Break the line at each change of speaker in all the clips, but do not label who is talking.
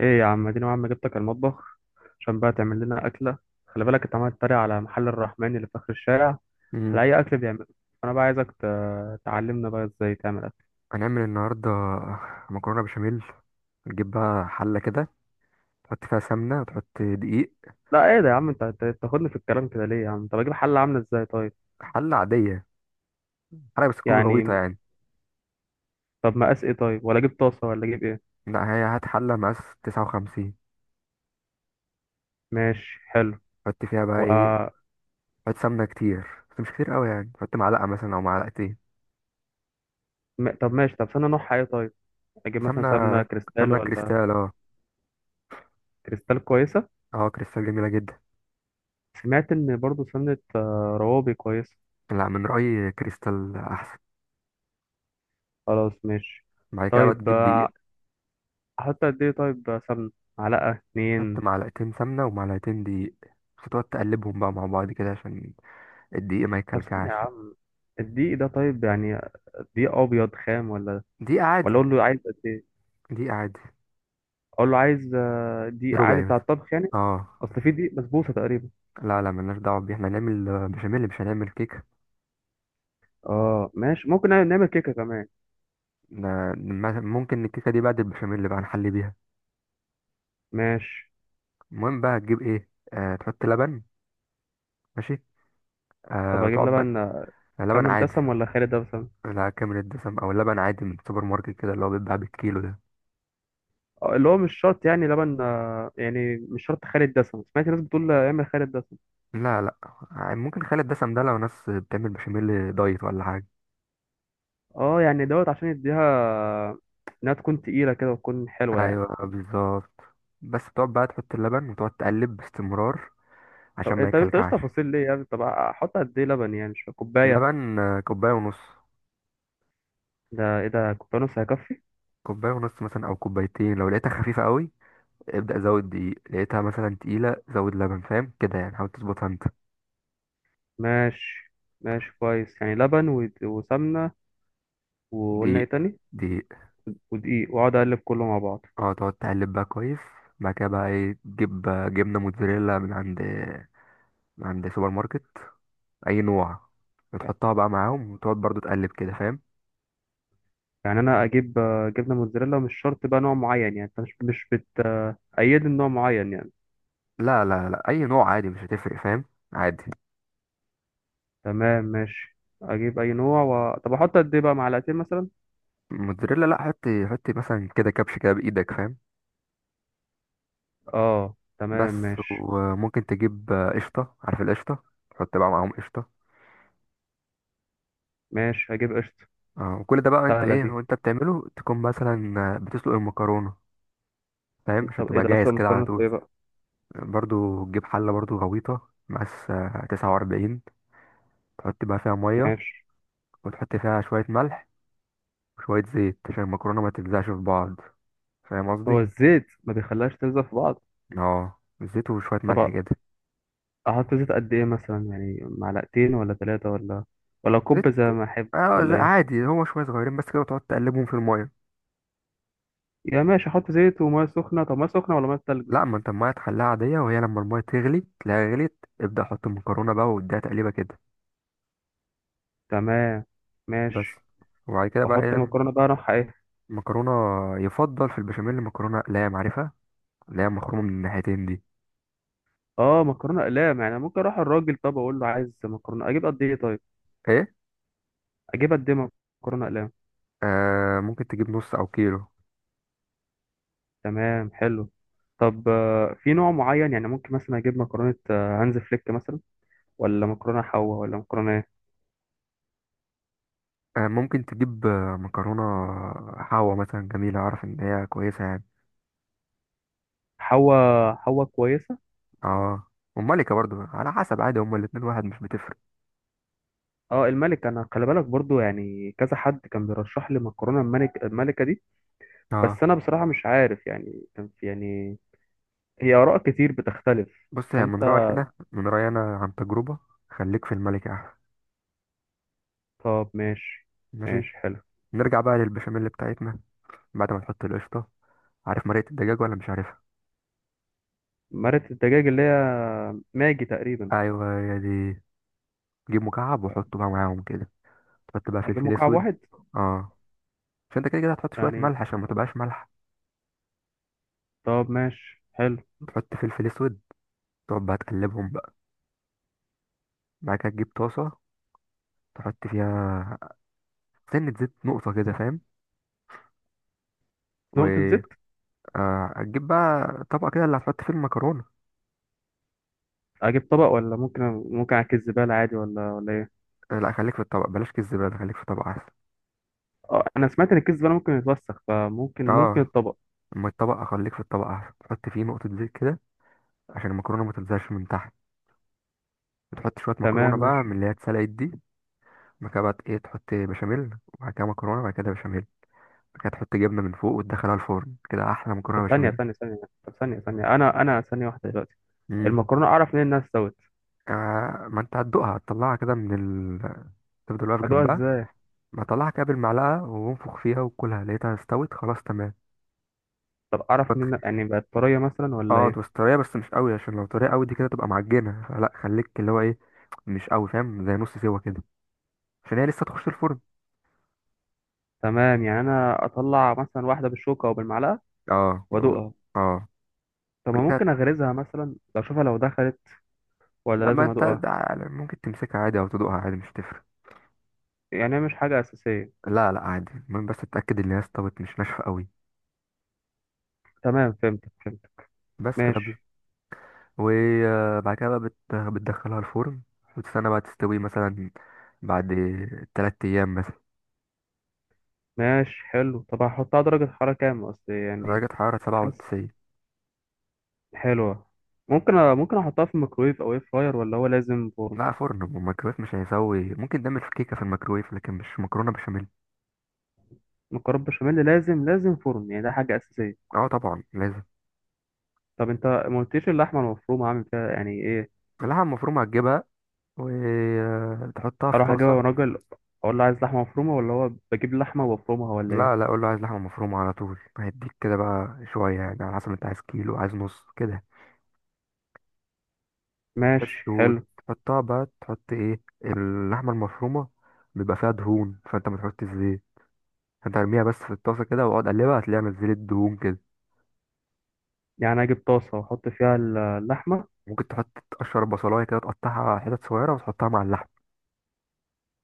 ايه يا عم؟ اديني عم جبتك المطبخ عشان بقى تعمل لنا اكله. خلي بالك انت عمال تتريق على محل الرحمن اللي في اخر الشارع
مم.
على اي اكل بيعمله. انا بقى عايزك تعلمنا بقى ازاي تعمل اكل.
هنعمل النهاردة مكرونة بشاميل. نجيب بقى حلة كده تحط فيها سمنة وتحط دقيق.
لا ايه ده يا عم؟ انت تاخدني في الكلام كده ليه يا عم؟ طب اجيب حله عامله ازاي طيب؟
حلة عادية، حلة بس تكون غويطة
يعني
يعني.
طب مقاس ايه طيب؟ ولا اجيب طاسه ولا اجيب ايه؟
لا، هي هات حلة مقاس تسعة وخمسين.
ماشي حلو.
حط فيها بقى
و...
ايه؟ حط سمنة كتير بس مش كتير قوي، يعني حط معلقة مثلا أو معلقتين
طب ماشي، طب سمنه نوعها ايه طيب؟ اجيب مثلا
سمنة.
سمنه كريستال
سمنة
ولا؟
كريستال، اه.
كريستال كويسه.
اه كريستال جميلة جدا.
سمعت ان برضو سمنه روابي كويسه.
لا، من رأيي كريستال أحسن.
خلاص ماشي.
بعد كده بقى
طيب.
تجيب دقيق.
احط قد ايه طيب سمنة؟ معلقة
حط
اتنين.
معلقتين سمنة ومعلقتين دقيق، بس تقعد تقلبهم بقى مع بعض كده عشان الدقيق ما
طب ثانية
يكلكعش.
يا عم، الدقيق ده طيب يعني دقيق ابيض خام ولا؟
دقيقة
ولا
عادي،
اقول له عايز قد ايه؟
دي عادي،
اقول له عايز دقيق عادي
ربعي
بتاع
مثلا.
الطبخ يعني.
اه،
اصل في دقيق بسبوسة تقريبا.
لا لا، ملناش دعوة بيه، احنا هنعمل بشاميل مش هنعمل كيكة.
اه ماشي، ممكن نعمل كيكة كمان.
ممكن الكيكة دي بعد البشاميل بقى نحلي بيها.
ماشي.
المهم بقى هتجيب ايه؟ آه، تحط لبن. ماشي.
طب
آه
اجيب
وتقعد بقى
لبن،
لبن
كامل
عادي.
دسم ولا خالي دسم؟
لا، كامل الدسم او لبن عادي من السوبر ماركت كده اللي هو بيتباع بالكيلو ده.
اللي هو مش شرط يعني لبن، يعني مش شرط خالي الدسم. سمعت ناس بتقول اعمل خالي الدسم.
لا لا، ممكن خالي الدسم ده لو ناس بتعمل بشاميل دايت ولا حاجة.
اه يعني دوت عشان يديها انها تكون تقيلة كده وتكون حلوة يعني.
ايوه بالظبط. بس تقعد بقى تحط اللبن وتقعد تقلب باستمرار
طب
عشان ما
انت مش
يكلكعش.
تفاصيل ليه يعني؟ طب احط قد ايه لبن يعني؟ مش فاهم. كوبايه؟
اللبن كوباية ونص.
ده ايه ده؟ كوبايه ونص هيكفي؟
كوبايه ونص مثلا او كوبايتين لو لقيتها خفيفه قوي. ابدا زود دقيق، لقيتها مثلا تقيله زود لبن، فاهم كده يعني، حاول تظبطها انت.
ماشي. ماشي كويس، يعني لبن وسمنه، وقلنا ايه
دقيق.
تاني؟
دقيق
ودقيق، واقعد اقلب كله مع بعض.
اه تقعد تقلب بقى كويس. بعد كده بقى ايه؟ تجيب جبنه موتزاريلا من عند من عند سوبر ماركت، اي نوع، وتحطها بقى معاهم وتقعد برضو تقلب كده، فاهم.
يعني انا اجيب جبنه موتزاريلا مش شرط بقى نوع معين يعني، انت مش بتأيدني نوع معين يعني؟
لا لا لا، اي نوع عادي، مش هتفرق، فاهم، عادي.
تمام ماشي، اجيب اي نوع. طب احط قد ايه بقى، معلقتين مثلا؟
موتزاريلا، لا حط، حط مثلا كده كبش كده بايدك، فاهم.
اه تمام
بس.
ماشي.
وممكن تجيب قشطه، عارف القشطه، تحط بقى معاهم قشطه.
ماشي، هجيب قشطه.
اه. وكل ده بقى انت
سهله
ايه
دي.
وانت بتعمله، تكون مثلا بتسلق المكرونه، فاهم، عشان
طب ايه
تبقى
ده
جاهز
اصلا
كده على
مكرونه
طول.
ايه بقى؟
برضو تجيب حله برضو غويطه مقاس 49. تحط بقى فيها ميه
ماشي.
وتحط فيها شويه ملح وشويه زيت عشان المكرونه ما تلزقش في بعض، فاهم قصدي.
هو الزيت ما بيخليهاش تلزق في بعض؟
اه زيت وشويه ملح
طب
كده.
احط زيت قد ايه مثلا؟ يعني معلقتين ولا ثلاثة، ولا ولا كوب
زيت،
زي ما احب
اه
ولا ايه؟
عادي، هو شويه صغيرين بس كده وتقعد تقلبهم في الميه.
يا ماشي، احط زيت وميه سخنة. طب ميه سخنة ولا ميه تلج؟
لا، ما انت الميه تخليها عاديه وهي لما الميه تغلي تلاقيها غليت، ابدا حط المكرونه بقى واديها تقليبه كده.
تمام.
بس.
ماشي.
وبعد كده بقى
واحط
ايه؟
مكرونة بقى اروح ايه؟
مكرونة. يفضل في البشاميل مكرونة لام، عارفها، اللي هي مخرومة من الناحيتين دي.
اه مكرونة اقلام، يعني ممكن اروح الراجل طب اقول له عايز مكرونة؟ اجيب قد ايه طيب؟
ايه.
اجيب قد ايه مكرونة اقلام؟
آه ممكن تجيب نص او كيلو.
تمام حلو. طب في نوع معين، يعني ممكن مثلا اجيب مكرونة هانز فليك مثلا ولا مكرونة حوا ولا مكرونة ايه؟
آه ممكن تجيب مكرونة حوا مثلا جميلة، اعرف ان هي كويسة يعني.
حوا، حوا كويسة.
اه. وملكة برضو على حسب، عادي، هما الاتنين واحد مش بتفرق.
اه الملك، انا خلي بالك برضو يعني كذا حد كان بيرشح لي مكرونه الملك، الملكه دي.
اه.
بس انا بصراحه مش عارف، يعني كان في يعني هي اراء كتير بتختلف،
بص يعني من
فانت.
رأيي انا، عن تجربة، خليك في الملكة احسن.
طب ماشي.
ماشي.
ماشي حلو.
نرجع بقى للبشاميل بتاعتنا. بعد ما نحط القشطة، عارف مرقة الدجاج ولا مش عارفها؟
مرقه الدجاج اللي هي ماجي تقريبا؟
ايوه هي دي. جيب مكعب وحطه بقى معاهم كده. تحط بقى
اجيب
فلفل
مكعب
اسود.
واحد
اه، عشان انت كده كده هتحط شويه
يعني؟
ملح عشان ما تبقاش مالحه.
طب ماشي حلو.
تحط فلفل اسود، تقعد بقى تقلبهم بقى. بعد كده تجيب طاسه، تحط فيها سنه زيت نقطه كده، فاهم.
نقطه
و
زيت؟
هتجيب بقى طبق كده اللي هتحط فيه المكرونه.
اجيب طبق ولا ممكن، ممكن اكيس زباله عادي ولا ايه؟
لا، خليك في الطبق، بلاش كيس زباله، خليك في طبق احسن.
اه انا سمعت ان الكيس زباله ممكن يتوسخ، فممكن
اه.
الطبق.
اما الطبق اخليك في الطبق احسن، تحط فيه نقطه زيت كده عشان المكرونه ما تلزقش من تحت. تحط شويه مكرونه
تمام
بقى
ماشي.
من اللي هي اتسلقت دي. بعد كده بقى ايه؟ تحط بشاميل وبعد كده مكرونه وبعد كده بشاميل، كانت تحط جبنه من فوق وتدخلها الفرن، كده احلى
طب
مكرونه
ثانيه
بشاميل.
ثانيه ثانيه، طب ثانيه ثانيه، انا ثانيه واحده دلوقتي.
امم.
المكرونه اعرف منين انها استوت؟
آه، ما انت هتدوقها، هتطلعها كده من ال... تفضل واقف
ادوها
جنبها.
ازاي؟
ما تطلعها كده بالمعلقه وانفخ فيها وكلها، لقيتها استوت خلاص تمام.
طب اعرف
الفتح.
منين، يعني بقت طريه مثلا ولا
اه تبقى
ايه؟
طريه بس مش قوي، عشان لو طريه قوي دي كده تبقى معجنه، فلا خليك اللي هو ايه، مش قوي، فاهم، زي نص سوا كده، عشان هي لسه تخش الفرن.
تمام، يعني انا اطلع مثلا واحده بالشوكه او بالمعلقه
اه
وادوقها.
اه
طب ما
لقيتها.
ممكن اغرزها مثلا اشوفها لو دخلت، ولا
لما
لازم
انت
ادوقها؟
ممكن تمسكها عادي او تدوقها عادي، مش تفرق.
يعني هي مش حاجه اساسيه؟
لا لا، عادي، المهم بس تتاكد ان هي استوت مش ناشفه قوي.
تمام، فهمت فهمت.
بس كده.
ماشي.
وبعد كده بقى بتدخلها الفرن وتستنى بقى تستوي مثلا بعد تلات أيام مثلا.
ماشي حلو. طب هحطها درجه حراره كام اصل
على
يعني؟
درجة حرارة سبعة
حاسس.
وتسعين.
حلوه. ممكن ممكن احطها في الميكرويف او اير فراير، ولا هو لازم فرن؟
لا، فرن، والميكرويف مش هيسوي، ممكن تعمل في كيكة في الميكرويف لكن مش مكرونة بشاميل.
مكرونه بشاميل لازم لازم فرن يعني، ده حاجه اساسيه؟
اه طبعا لازم.
طب انت ما قلتليش اللحمه المفرومه عامل فيها يعني ايه.
اللحمة المفرومة هتجيبها وتحطها في
اروح اجيب
طاسة.
راجل اقول له عايز لحمه مفرومه، ولا هو بجيب لحمه وبفرمها ولا ايه؟
لا لا، قول له عايز لحمة مفرومة، على طول هيديك كده بقى شوية، يعني على حسب انت عايز كيلو عايز نص كده.
ماشي
بس.
حلو.
وتحطها بقى، تحط ايه، اللحمة المفرومة بيبقى فيها دهون، فانت ما تحطش زيت، انت ارميها بس في الطاسه كده واقعد اقلبها، هتلاقيها نزلت دهون كده.
يعني اجيب طاسه واحط فيها اللحمه.
ممكن تحط تقشر بصلايه كده تقطعها حتت صغيره وتحطها مع اللحم.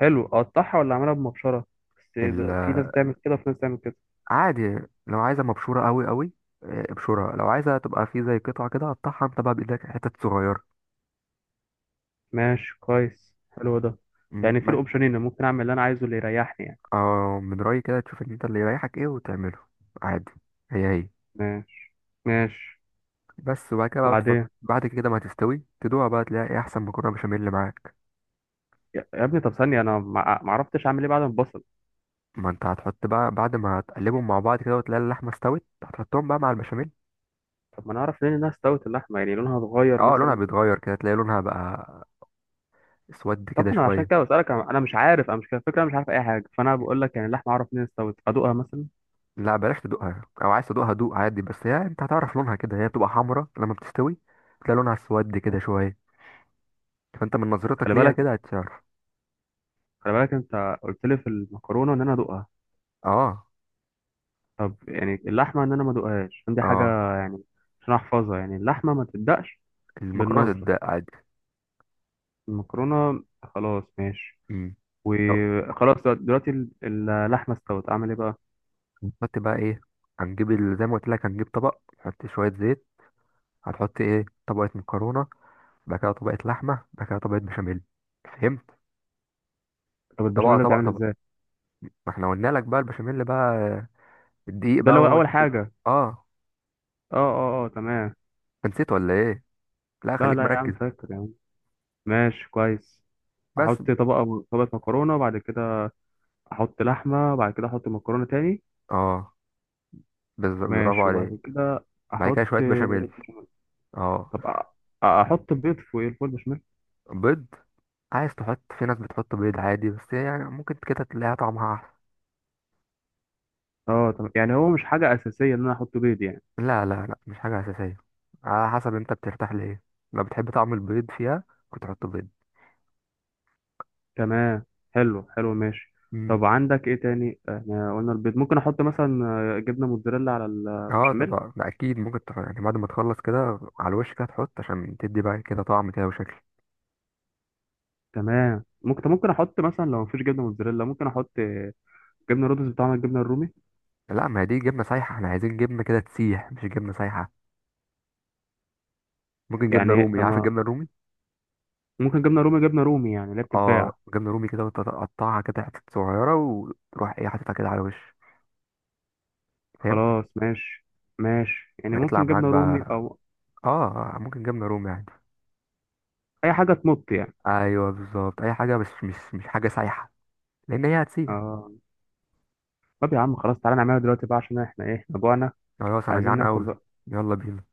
حلو. اقطعها ولا اعملها بمبشره؟ بس
ال-
في ناس بتعمل كده وفي ناس بتعمل كده.
عادي. لو عايزه مبشوره قوي قوي، اه، ابشرها. لو عايزه تبقى في زي قطعه كده قطعها انت بقى بايدك حتت صغيره.
ماشي كويس، حلو ده.
مم،
يعني في
ما-
الاوبشنين ممكن اعمل اللي انا عايزه، اللي يريحني يعني.
اه من رايي كده تشوف ان انت اللي يريحك ايه وتعمله، عادي، هي هي.
ماشي. ماشي.
بس. وبعد كده بقى بتحط،
بعدين.
بعد كده ما تستوي تدوها بقى، تلاقي ايه احسن مكرونه بشاميل اللي معاك.
يا ابني، طب ثانيه، انا ما عرفتش اعمل ايه بعد ما البصل.
ما انت هتحط بقى بعد ما هتقلبهم مع بعض كده وتلاقي اللحمه استوت هتحطهم بقى مع البشاميل.
طب ما انا اعرف ليه انها استوت اللحمه، يعني لونها اتغير
اه لونها
مثلا؟
بيتغير كده، تلاقي لونها بقى اسود كده
طب انا عشان كده
شويه.
بسألك، انا مش عارف، انا مش كده الفكره، أنا مش عارف اي حاجه، فانا بقول لك يعني اللحمه اعرف منين استوت؟ ادوقها مثلا؟
لا بلاش تدوقها، او عايز تدوقها دوق عادي، بس هي انت هتعرف لونها كده، هي بتبقى حمرا لما بتستوي، تلاقي لونها اسود كده شويه، فانت من نظرتك
خلي
ليها
بالك.
كده هتعرف.
خلي بالك انت قلت لي في المكرونه ان انا ادوقها.
اه.
طب يعني اللحمه ان انا ما ادوقهاش عشان دي حاجه،
اه.
يعني عشان احفظها، يعني اللحمه ما تبدأش.
المكرونه
بالنظره؟
تتدق عادي.
المكرونه خلاص ماشي.
امم. أو-
وخلاص دلوقتي اللحمه استوت، اعمل ايه بقى؟
هنحط بقى ايه؟ هنجيب زي ما قلت لك، هنجيب طبق هتحط شويه زيت، هتحط ايه، طبقه مكرونه، بعد كده طبقه لحمه، بعد كده طبقه بشاميل، فهمت.
طب
طبقه
البشاميل
طبقه
بتعمل
طبقه.
ازاي؟
ما احنا قلنا لك بقى البشاميل بقى، الدقيق
ده
بقى
اللي هو
هو
اول
اللي كده.
حاجه.
اه.
اه اه اه تمام.
أنت نسيت ولا ايه؟ لا
لا
خليك
لا يا عم،
مركز.
فاكر يا عم. ماشي كويس.
بس.
احط طبقه، طبقه مكرونه، وبعد كده احط لحمه، وبعد كده احط مكرونه تاني.
اه. برافو
ماشي،
عليك.
وبعد كده
بعد كده
احط
شويه بشاميل.
بشاميل.
اه
طب احط بيض فوق الفول بشاميل؟
بيض. عايز تحط، في ناس بتحط بيض عادي، بس هي يعني ممكن كده تلاقيها طعمها احسن.
اه تمام، يعني هو مش حاجه اساسيه ان انا احط بيض يعني.
لا لا لا، مش حاجه اساسيه، على حسب انت بترتاح لايه، لو بتحب طعم البيض فيها كنت تحط بيض.
تمام. حلو حلو ماشي.
امم.
طب عندك ايه تاني؟ احنا قلنا البيض، ممكن احط مثلا جبنه موتزاريلا على
اه
البشاميل.
طبعا ده اكيد، ممكن يعني بعد ما تخلص كده على الوش كده تحط عشان تدي بقى كده طعم كده وشكل.
تمام ممكن. طب ممكن احط مثلا لو مفيش جبنه موتزاريلا ممكن احط جبنه رودس بتاع الجبنه الرومي؟
لا، ما هي دي جبنه سايحه، احنا عايزين جبنه كده تسيح مش جبنه سايحه. ممكن جبنه
يعني إيه؟
رومي،
طب
عارف الجبنه الرومي.
ممكن جبنه رومي، جبنه رومي يعني اللي هي
اه
بتتباع.
جبنه رومي كده، وتقطعها كده حتت صغيره وتروح ايه حاططها كده على وش. فهمت.
خلاص ماشي. ماشي، يعني
هيطلع
ممكن
معاك
جبنة رومي
بقى.
أو
اه. ممكن جبنه رومي عادي.
أي حاجة تمط يعني.
ايوه بالظبط، اي حاجه بس مش مش حاجه سايحه لان هي هتسيح.
آه. طب يا عم خلاص، تعالى نعملها دلوقتي بقى، عشان احنا ايه، احنا جوعنا،
خلاص انا
عايزين
جعان
ناكل
قوي.
بقى.
يلا بينا.